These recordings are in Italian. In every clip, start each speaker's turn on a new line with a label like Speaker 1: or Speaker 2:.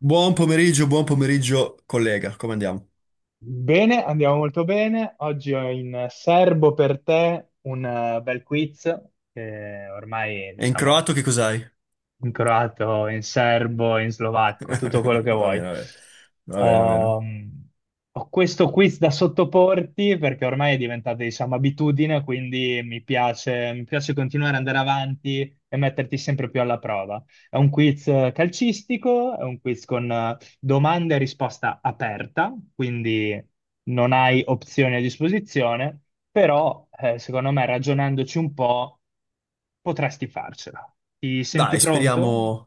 Speaker 1: Buon pomeriggio, collega, come andiamo?
Speaker 2: Bene, andiamo molto bene. Oggi ho in serbo per te un bel quiz che ormai,
Speaker 1: E in
Speaker 2: diciamo,
Speaker 1: croato che cos'hai?
Speaker 2: in croato, in serbo, in slovacco, tutto quello che
Speaker 1: Va
Speaker 2: vuoi.
Speaker 1: bene, va bene, va bene, va bene.
Speaker 2: Ho, ho questo quiz da sottoporti perché ormai è diventata, diciamo, abitudine, quindi mi piace continuare ad andare avanti e metterti sempre più alla prova. È un quiz calcistico, è un quiz con domanda e risposta aperta, quindi non hai opzioni a disposizione. Però, secondo me, ragionandoci un po', potresti farcela. Ti senti
Speaker 1: Dai,
Speaker 2: pronto?
Speaker 1: speriamo...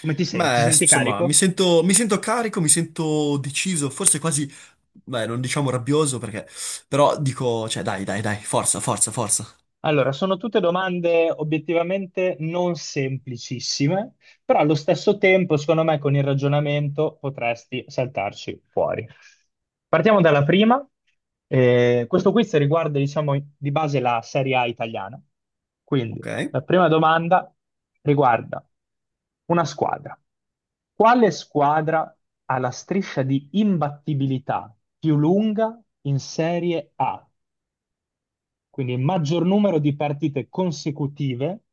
Speaker 2: Come ti senti? Ti
Speaker 1: Beh,
Speaker 2: senti
Speaker 1: insomma, mi
Speaker 2: carico?
Speaker 1: sento, mi sento carico, mi sento deciso, forse quasi... Beh, non diciamo rabbioso perché... Però dico, cioè, dai, dai, dai, forza, forza, forza.
Speaker 2: Allora, sono tutte domande obiettivamente non semplicissime, però allo stesso tempo, secondo me, con il ragionamento potresti saltarci fuori. Partiamo dalla prima. Questo quiz riguarda, diciamo, di base la Serie A italiana. Quindi,
Speaker 1: Ok,
Speaker 2: la prima domanda riguarda una squadra. Quale squadra ha la striscia di imbattibilità più lunga in Serie A? Quindi il maggior numero di partite consecutive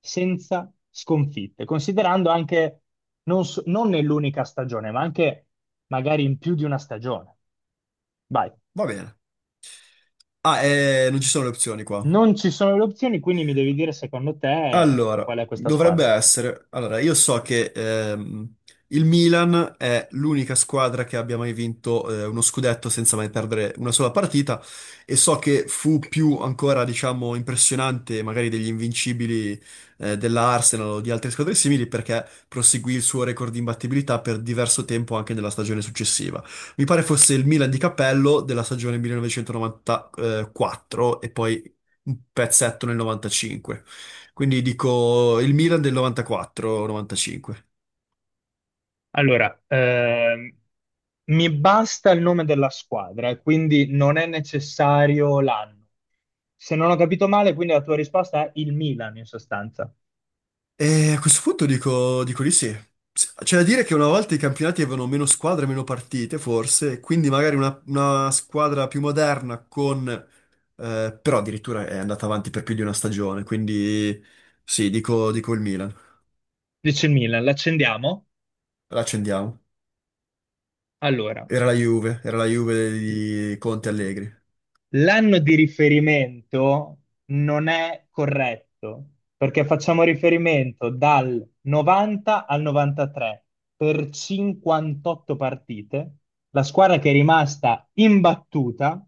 Speaker 2: senza sconfitte, considerando anche non nell'unica stagione, ma anche magari in più di una stagione. Vai.
Speaker 1: va bene. Ah, non ci sono le opzioni qua.
Speaker 2: Non ci sono le opzioni, quindi mi devi dire secondo te
Speaker 1: Allora,
Speaker 2: qual è questa
Speaker 1: dovrebbe
Speaker 2: squadra.
Speaker 1: essere. Allora, io so che il Milan è l'unica squadra che abbia mai vinto uno scudetto senza mai perdere una sola partita e so che fu più ancora, diciamo, impressionante magari degli invincibili della Arsenal o di altre squadre simili perché proseguì il suo record di imbattibilità per diverso tempo anche nella stagione successiva. Mi pare fosse il Milan di Cappello della stagione 1994 e poi un pezzetto nel 95. Quindi dico il Milan del 94-95.
Speaker 2: Allora, mi basta il nome della squadra, e quindi non è necessario l'anno. Se non ho capito male, quindi la tua risposta è il Milan in sostanza.
Speaker 1: E a questo punto dico, dico di sì. C'è da dire che una volta i campionati avevano meno squadre, meno partite, forse, quindi magari una squadra più moderna con... però addirittura è andata avanti per più di una stagione, quindi sì, dico, dico il Milan.
Speaker 2: Dice il Milan, l'accendiamo?
Speaker 1: La accendiamo.
Speaker 2: Allora,
Speaker 1: Era la Juve di Conte Allegri.
Speaker 2: l'anno di riferimento non è corretto perché facciamo riferimento dal 90 al 93 per 58 partite. La squadra che è rimasta imbattuta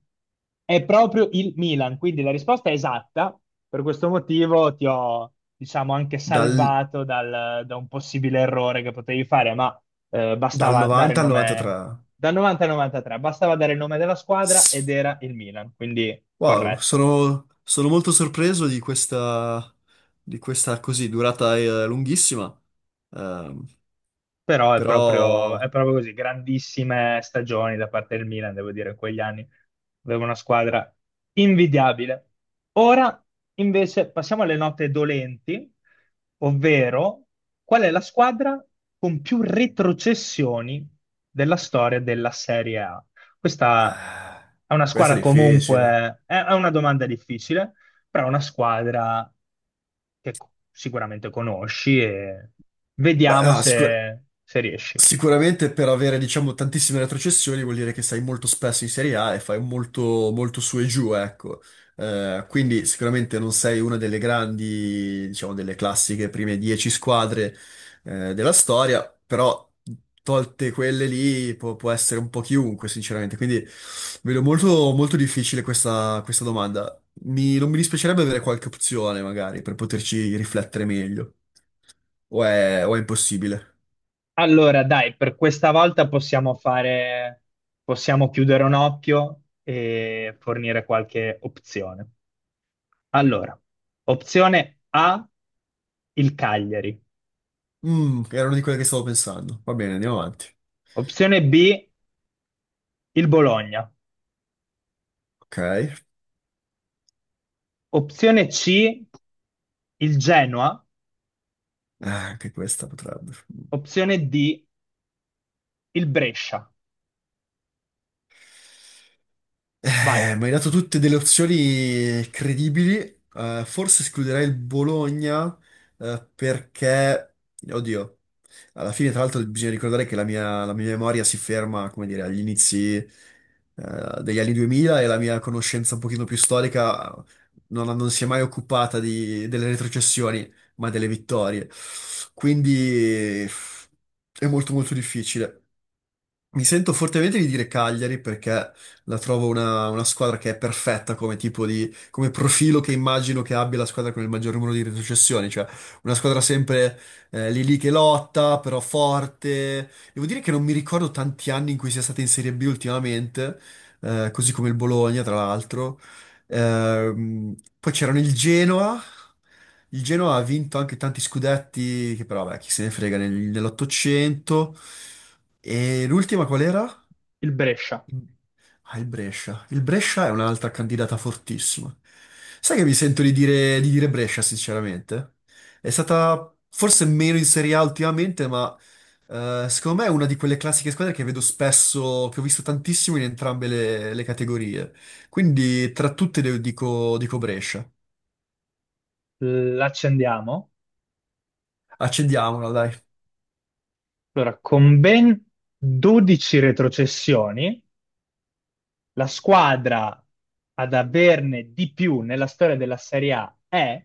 Speaker 2: è proprio il Milan, quindi la risposta è esatta. Per questo motivo ti ho, diciamo, anche
Speaker 1: Dal,
Speaker 2: salvato da un possibile errore che potevi fare, ma
Speaker 1: dal
Speaker 2: bastava dare
Speaker 1: 90 al 93.
Speaker 2: nome dal 90 al 93, bastava dare il nome della squadra ed era il Milan, quindi
Speaker 1: Wow,
Speaker 2: corretto.
Speaker 1: sono, sono molto sorpreso di questa così durata lunghissima, Ehm,
Speaker 2: Però
Speaker 1: però
Speaker 2: è proprio così, grandissime stagioni da parte del Milan, devo dire, in quegli anni. Aveva una squadra invidiabile. Ora invece passiamo alle note dolenti, ovvero qual è la squadra con più retrocessioni della storia della Serie A? Questa
Speaker 1: eh,
Speaker 2: è una
Speaker 1: questa è
Speaker 2: squadra
Speaker 1: difficile.
Speaker 2: comunque, è una domanda difficile però è una squadra che sicuramente conosci e
Speaker 1: Beh,
Speaker 2: vediamo
Speaker 1: no, sicuro.
Speaker 2: se, se riesci.
Speaker 1: Sicuramente per avere, diciamo, tantissime retrocessioni vuol dire che sei molto spesso in Serie A e fai molto, molto su e giù, ecco. Quindi sicuramente non sei una delle grandi, diciamo, delle classiche prime 10 squadre, della storia, però tolte quelle lì può, può essere un po' chiunque, sinceramente. Quindi vedo molto, molto difficile questa, questa domanda. Non mi dispiacerebbe avere qualche opzione, magari, per poterci riflettere meglio. O è impossibile?
Speaker 2: Allora, dai, per questa volta possiamo fare, possiamo chiudere un occhio e fornire qualche opzione. Allora, opzione A, il Cagliari,
Speaker 1: Mm, era una di quelle che stavo pensando. Va bene, andiamo avanti.
Speaker 2: opzione B, il Bologna,
Speaker 1: Ok.
Speaker 2: opzione C, il Genoa,
Speaker 1: Ah, anche questa potrebbe. Mm.
Speaker 2: opzione D, il Brescia. Vai,
Speaker 1: Mi hai dato tutte delle opzioni credibili. Forse escluderei il Bologna, perché, oddio, alla fine, tra l'altro, bisogna ricordare che la mia memoria si ferma, come dire, agli inizi, degli anni 2000 e la mia conoscenza un pochino più storica non, non si è mai occupata delle retrocessioni, ma delle vittorie. Quindi è molto molto difficile. Mi sento fortemente di dire Cagliari perché la trovo una squadra che è perfetta come tipo di, come profilo che immagino che abbia la squadra con il maggior numero di retrocessioni, cioè una squadra sempre lì lì che lotta, però forte. Devo dire che non mi ricordo tanti anni in cui sia stata in Serie B ultimamente, così come il Bologna, tra l'altro. Ehm, poi c'erano il Genoa. Il Genoa ha vinto anche tanti scudetti, che però, beh, chi se ne frega, nell'Ottocento. E l'ultima qual era?
Speaker 2: il Brescia.
Speaker 1: Ah, il Brescia. Il Brescia è un'altra candidata fortissima. Sai che mi sento di dire Brescia, sinceramente? È stata forse meno in Serie A ultimamente, ma secondo me è una di quelle classiche squadre che vedo spesso, che ho visto tantissimo in entrambe le categorie. Quindi tra tutte dico, dico Brescia.
Speaker 2: L'accendiamo?
Speaker 1: Accendiamola, dai.
Speaker 2: Allora, con ben 12 retrocessioni, la squadra ad averne di più nella storia della Serie A è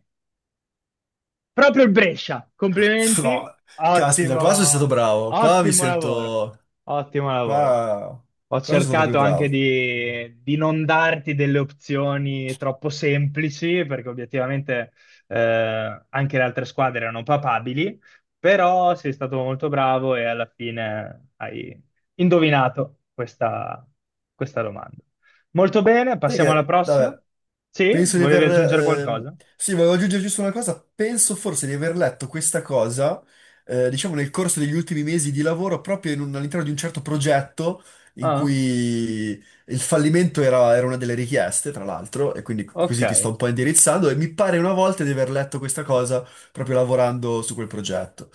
Speaker 2: proprio il Brescia, complimenti,
Speaker 1: No, caspita, qua sono stato
Speaker 2: ottimo,
Speaker 1: bravo. Qua mi
Speaker 2: ottimo lavoro,
Speaker 1: sento...
Speaker 2: ottimo lavoro.
Speaker 1: Qua,
Speaker 2: Ho
Speaker 1: qua sono stato proprio
Speaker 2: cercato anche
Speaker 1: bravo.
Speaker 2: di non darti delle opzioni troppo semplici, perché obiettivamente anche le altre squadre erano papabili, però sei stato molto bravo e alla fine hai indovinato questa, questa domanda. Molto bene,
Speaker 1: Sai
Speaker 2: passiamo alla
Speaker 1: che,
Speaker 2: prossima.
Speaker 1: vabbè,
Speaker 2: Sì,
Speaker 1: penso di
Speaker 2: volevi
Speaker 1: aver...
Speaker 2: aggiungere
Speaker 1: ehm,
Speaker 2: qualcosa?
Speaker 1: sì, volevo aggiungere giusto una cosa. Penso forse di aver letto questa cosa, diciamo, nel corso degli ultimi mesi di lavoro, proprio in all'interno di un certo progetto in
Speaker 2: Ah,
Speaker 1: cui il fallimento era, era una delle richieste, tra l'altro, e quindi così ti sto
Speaker 2: ok.
Speaker 1: un po' indirizzando, e mi pare una volta di aver letto questa cosa proprio lavorando su quel progetto.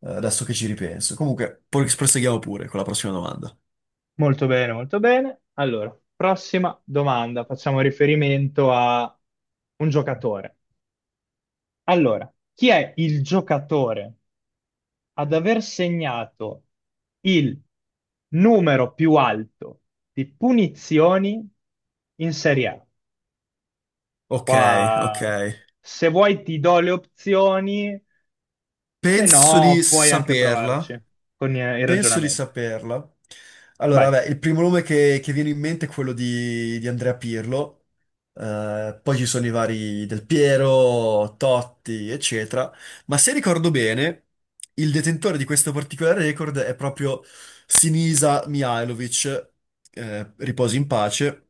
Speaker 1: Adesso che ci ripenso. Comunque, poi proseguiamo pure con la prossima domanda.
Speaker 2: Molto bene, molto bene. Allora, prossima domanda. Facciamo riferimento a un giocatore. Allora, chi è il giocatore ad aver segnato il numero più alto di punizioni in Serie A?
Speaker 1: Ok, ok.
Speaker 2: Qua, se vuoi ti do le opzioni, se
Speaker 1: Penso di
Speaker 2: no puoi anche provarci
Speaker 1: saperla,
Speaker 2: con il
Speaker 1: penso di
Speaker 2: ragionamento.
Speaker 1: saperla.
Speaker 2: Vai.
Speaker 1: Allora, vabbè, il primo nome che viene in mente è quello di Andrea Pirlo, poi ci sono i vari Del Piero, Totti, eccetera, ma se ricordo bene, il detentore di questo particolare record è proprio Sinisa Mihajlovic, riposi in pace.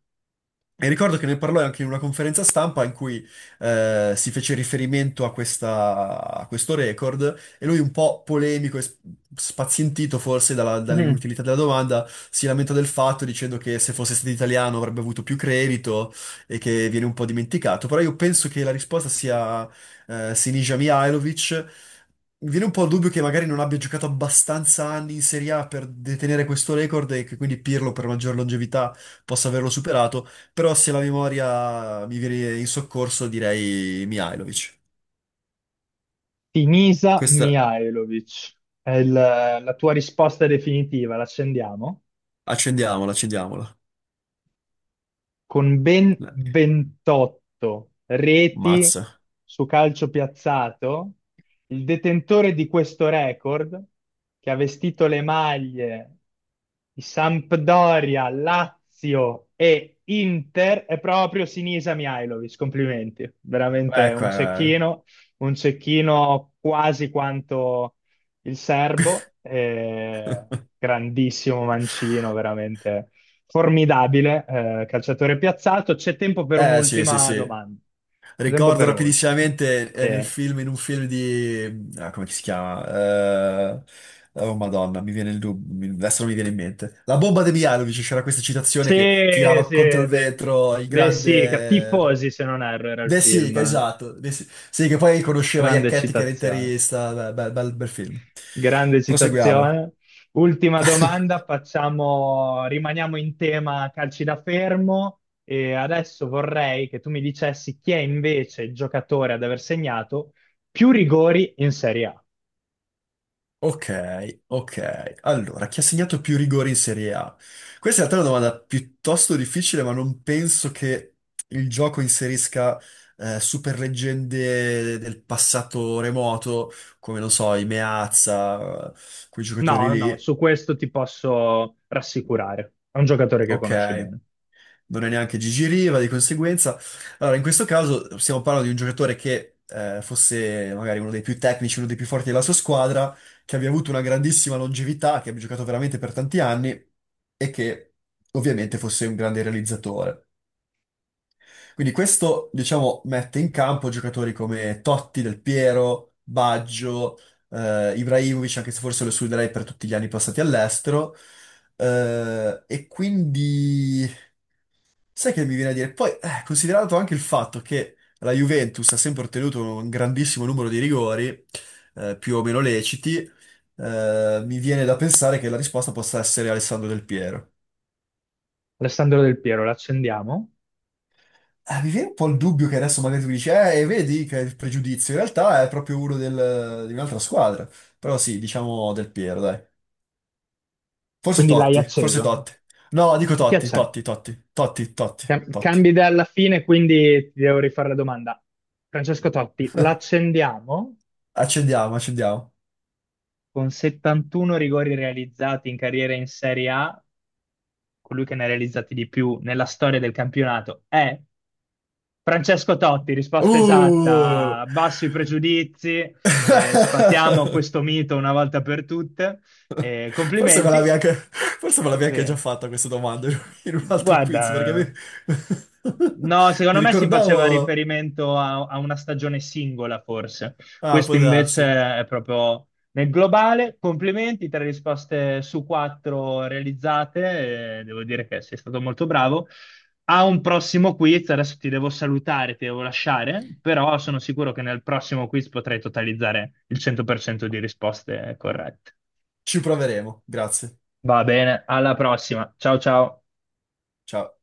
Speaker 1: E ricordo che ne parlò anche in una conferenza stampa in cui si fece riferimento a, a questo record e lui un po' polemico e spazientito forse dall'inutilità della domanda, si lamenta del fatto dicendo che se fosse stato italiano avrebbe avuto più credito e che viene un po' dimenticato. Però io penso che la risposta sia Sinisa Mihajlovic. Mi viene un po' il dubbio che magari non abbia giocato abbastanza anni in Serie A per detenere questo record e che quindi Pirlo per maggior longevità possa averlo superato, però se la memoria mi viene in soccorso direi Mihajlovic.
Speaker 2: Sinisa
Speaker 1: Questa
Speaker 2: Mihajlovic, è la tua risposta definitiva, l'accendiamo?
Speaker 1: accendiamola, accendiamola.
Speaker 2: Con ben 28 reti
Speaker 1: Mazza.
Speaker 2: su calcio piazzato, il detentore di questo record, che ha vestito le maglie di Sampdoria, Lazio e Inter, è proprio Sinisa Mihajlovic. Complimenti, veramente
Speaker 1: Ecco,
Speaker 2: un cecchino quasi quanto il serbo, grandissimo mancino, veramente formidabile, calciatore piazzato. C'è tempo per
Speaker 1: eh. Sì, sì,
Speaker 2: un'ultima
Speaker 1: sì.
Speaker 2: domanda. C'è tempo
Speaker 1: Ricordo
Speaker 2: per un'ultima.
Speaker 1: rapidissimamente nel
Speaker 2: Sì,
Speaker 1: film, in un film di... ah, come si chiama? Eh, Oh, Madonna, mi viene il dubbio, adesso non mi viene in mente. La bomba di Mialovic, c'era questa citazione che
Speaker 2: sì,
Speaker 1: tirava
Speaker 2: sì,
Speaker 1: contro il vetro il
Speaker 2: sì,
Speaker 1: grande...
Speaker 2: Tifosi, se non erro, era il
Speaker 1: De Sica,
Speaker 2: film.
Speaker 1: esatto. Sì, che poi conosceva
Speaker 2: Grande
Speaker 1: Iacchetti che era
Speaker 2: citazione.
Speaker 1: interista. Beh, bel bel film.
Speaker 2: Grande
Speaker 1: Proseguiamo.
Speaker 2: citazione. Ultima domanda, facciamo, rimaniamo in tema calci da fermo e adesso vorrei che tu mi dicessi chi è invece il giocatore ad aver segnato più rigori in Serie A.
Speaker 1: Ok, ok. Allora, chi ha segnato più rigori in Serie A? Questa in realtà è una domanda piuttosto difficile, ma non penso che il gioco inserisca super leggende del passato remoto, come non so, i Meazza, quei giocatori
Speaker 2: No, no,
Speaker 1: lì.
Speaker 2: su questo ti posso rassicurare. È un giocatore che
Speaker 1: Ok.
Speaker 2: conosci bene.
Speaker 1: Non è neanche Gigi Riva, di conseguenza. Allora, in questo caso stiamo parlando di un giocatore che fosse magari uno dei più tecnici, uno dei più forti della sua squadra, che abbia avuto una grandissima longevità, che abbia giocato veramente per tanti anni e che ovviamente fosse un grande realizzatore. Quindi questo, diciamo, mette in campo giocatori come Totti, Del Piero, Baggio, Ibrahimovic, anche se forse lo escluderei per tutti gli anni passati all'estero. E quindi sai che mi viene a dire? Poi, considerato anche il fatto che la Juventus ha sempre ottenuto un grandissimo numero di rigori, più o meno leciti, mi viene da pensare che la risposta possa essere Alessandro Del Piero.
Speaker 2: Alessandro Del Piero, l'accendiamo?
Speaker 1: Mi viene un po' il dubbio che adesso magari tu dici, e vedi che è il pregiudizio. In realtà è proprio uno di un'altra squadra. Però sì, diciamo Del Piero, dai. Forse
Speaker 2: Quindi l'hai
Speaker 1: Totti, forse
Speaker 2: acceso.
Speaker 1: Totti. No, dico
Speaker 2: Chi
Speaker 1: Totti,
Speaker 2: accendi?
Speaker 1: Totti, Totti, Totti, Totti, Totti.
Speaker 2: Cambi idea alla fine, quindi ti devo rifare la domanda. Francesco Totti, l'accendiamo
Speaker 1: Accendiamo, accendiamo.
Speaker 2: con 71 rigori realizzati in carriera in Serie A, colui che ne ha realizzati di più nella storia del campionato è Francesco Totti, risposta
Speaker 1: Uh!
Speaker 2: esatta, basso i pregiudizi, sfatiamo questo mito una volta per tutte.
Speaker 1: Forse me l'avevi
Speaker 2: Complimenti.
Speaker 1: anche, forse me l'avevi anche già
Speaker 2: Ok.
Speaker 1: fatta questa domanda in un altro quiz, perché
Speaker 2: Guarda.
Speaker 1: mi,
Speaker 2: No,
Speaker 1: mi
Speaker 2: secondo me si faceva
Speaker 1: ricordavo...
Speaker 2: riferimento a, a una stagione singola, forse.
Speaker 1: Ah,
Speaker 2: Questo
Speaker 1: può
Speaker 2: invece
Speaker 1: darsi.
Speaker 2: è proprio nel globale. Complimenti, tre risposte su quattro realizzate. Devo dire che sei stato molto bravo. A un prossimo quiz, adesso ti devo salutare, ti devo lasciare, però sono sicuro che nel prossimo quiz potrai totalizzare il 100% di risposte corrette.
Speaker 1: Ci proveremo, grazie.
Speaker 2: Va bene, alla prossima. Ciao ciao.
Speaker 1: Ciao.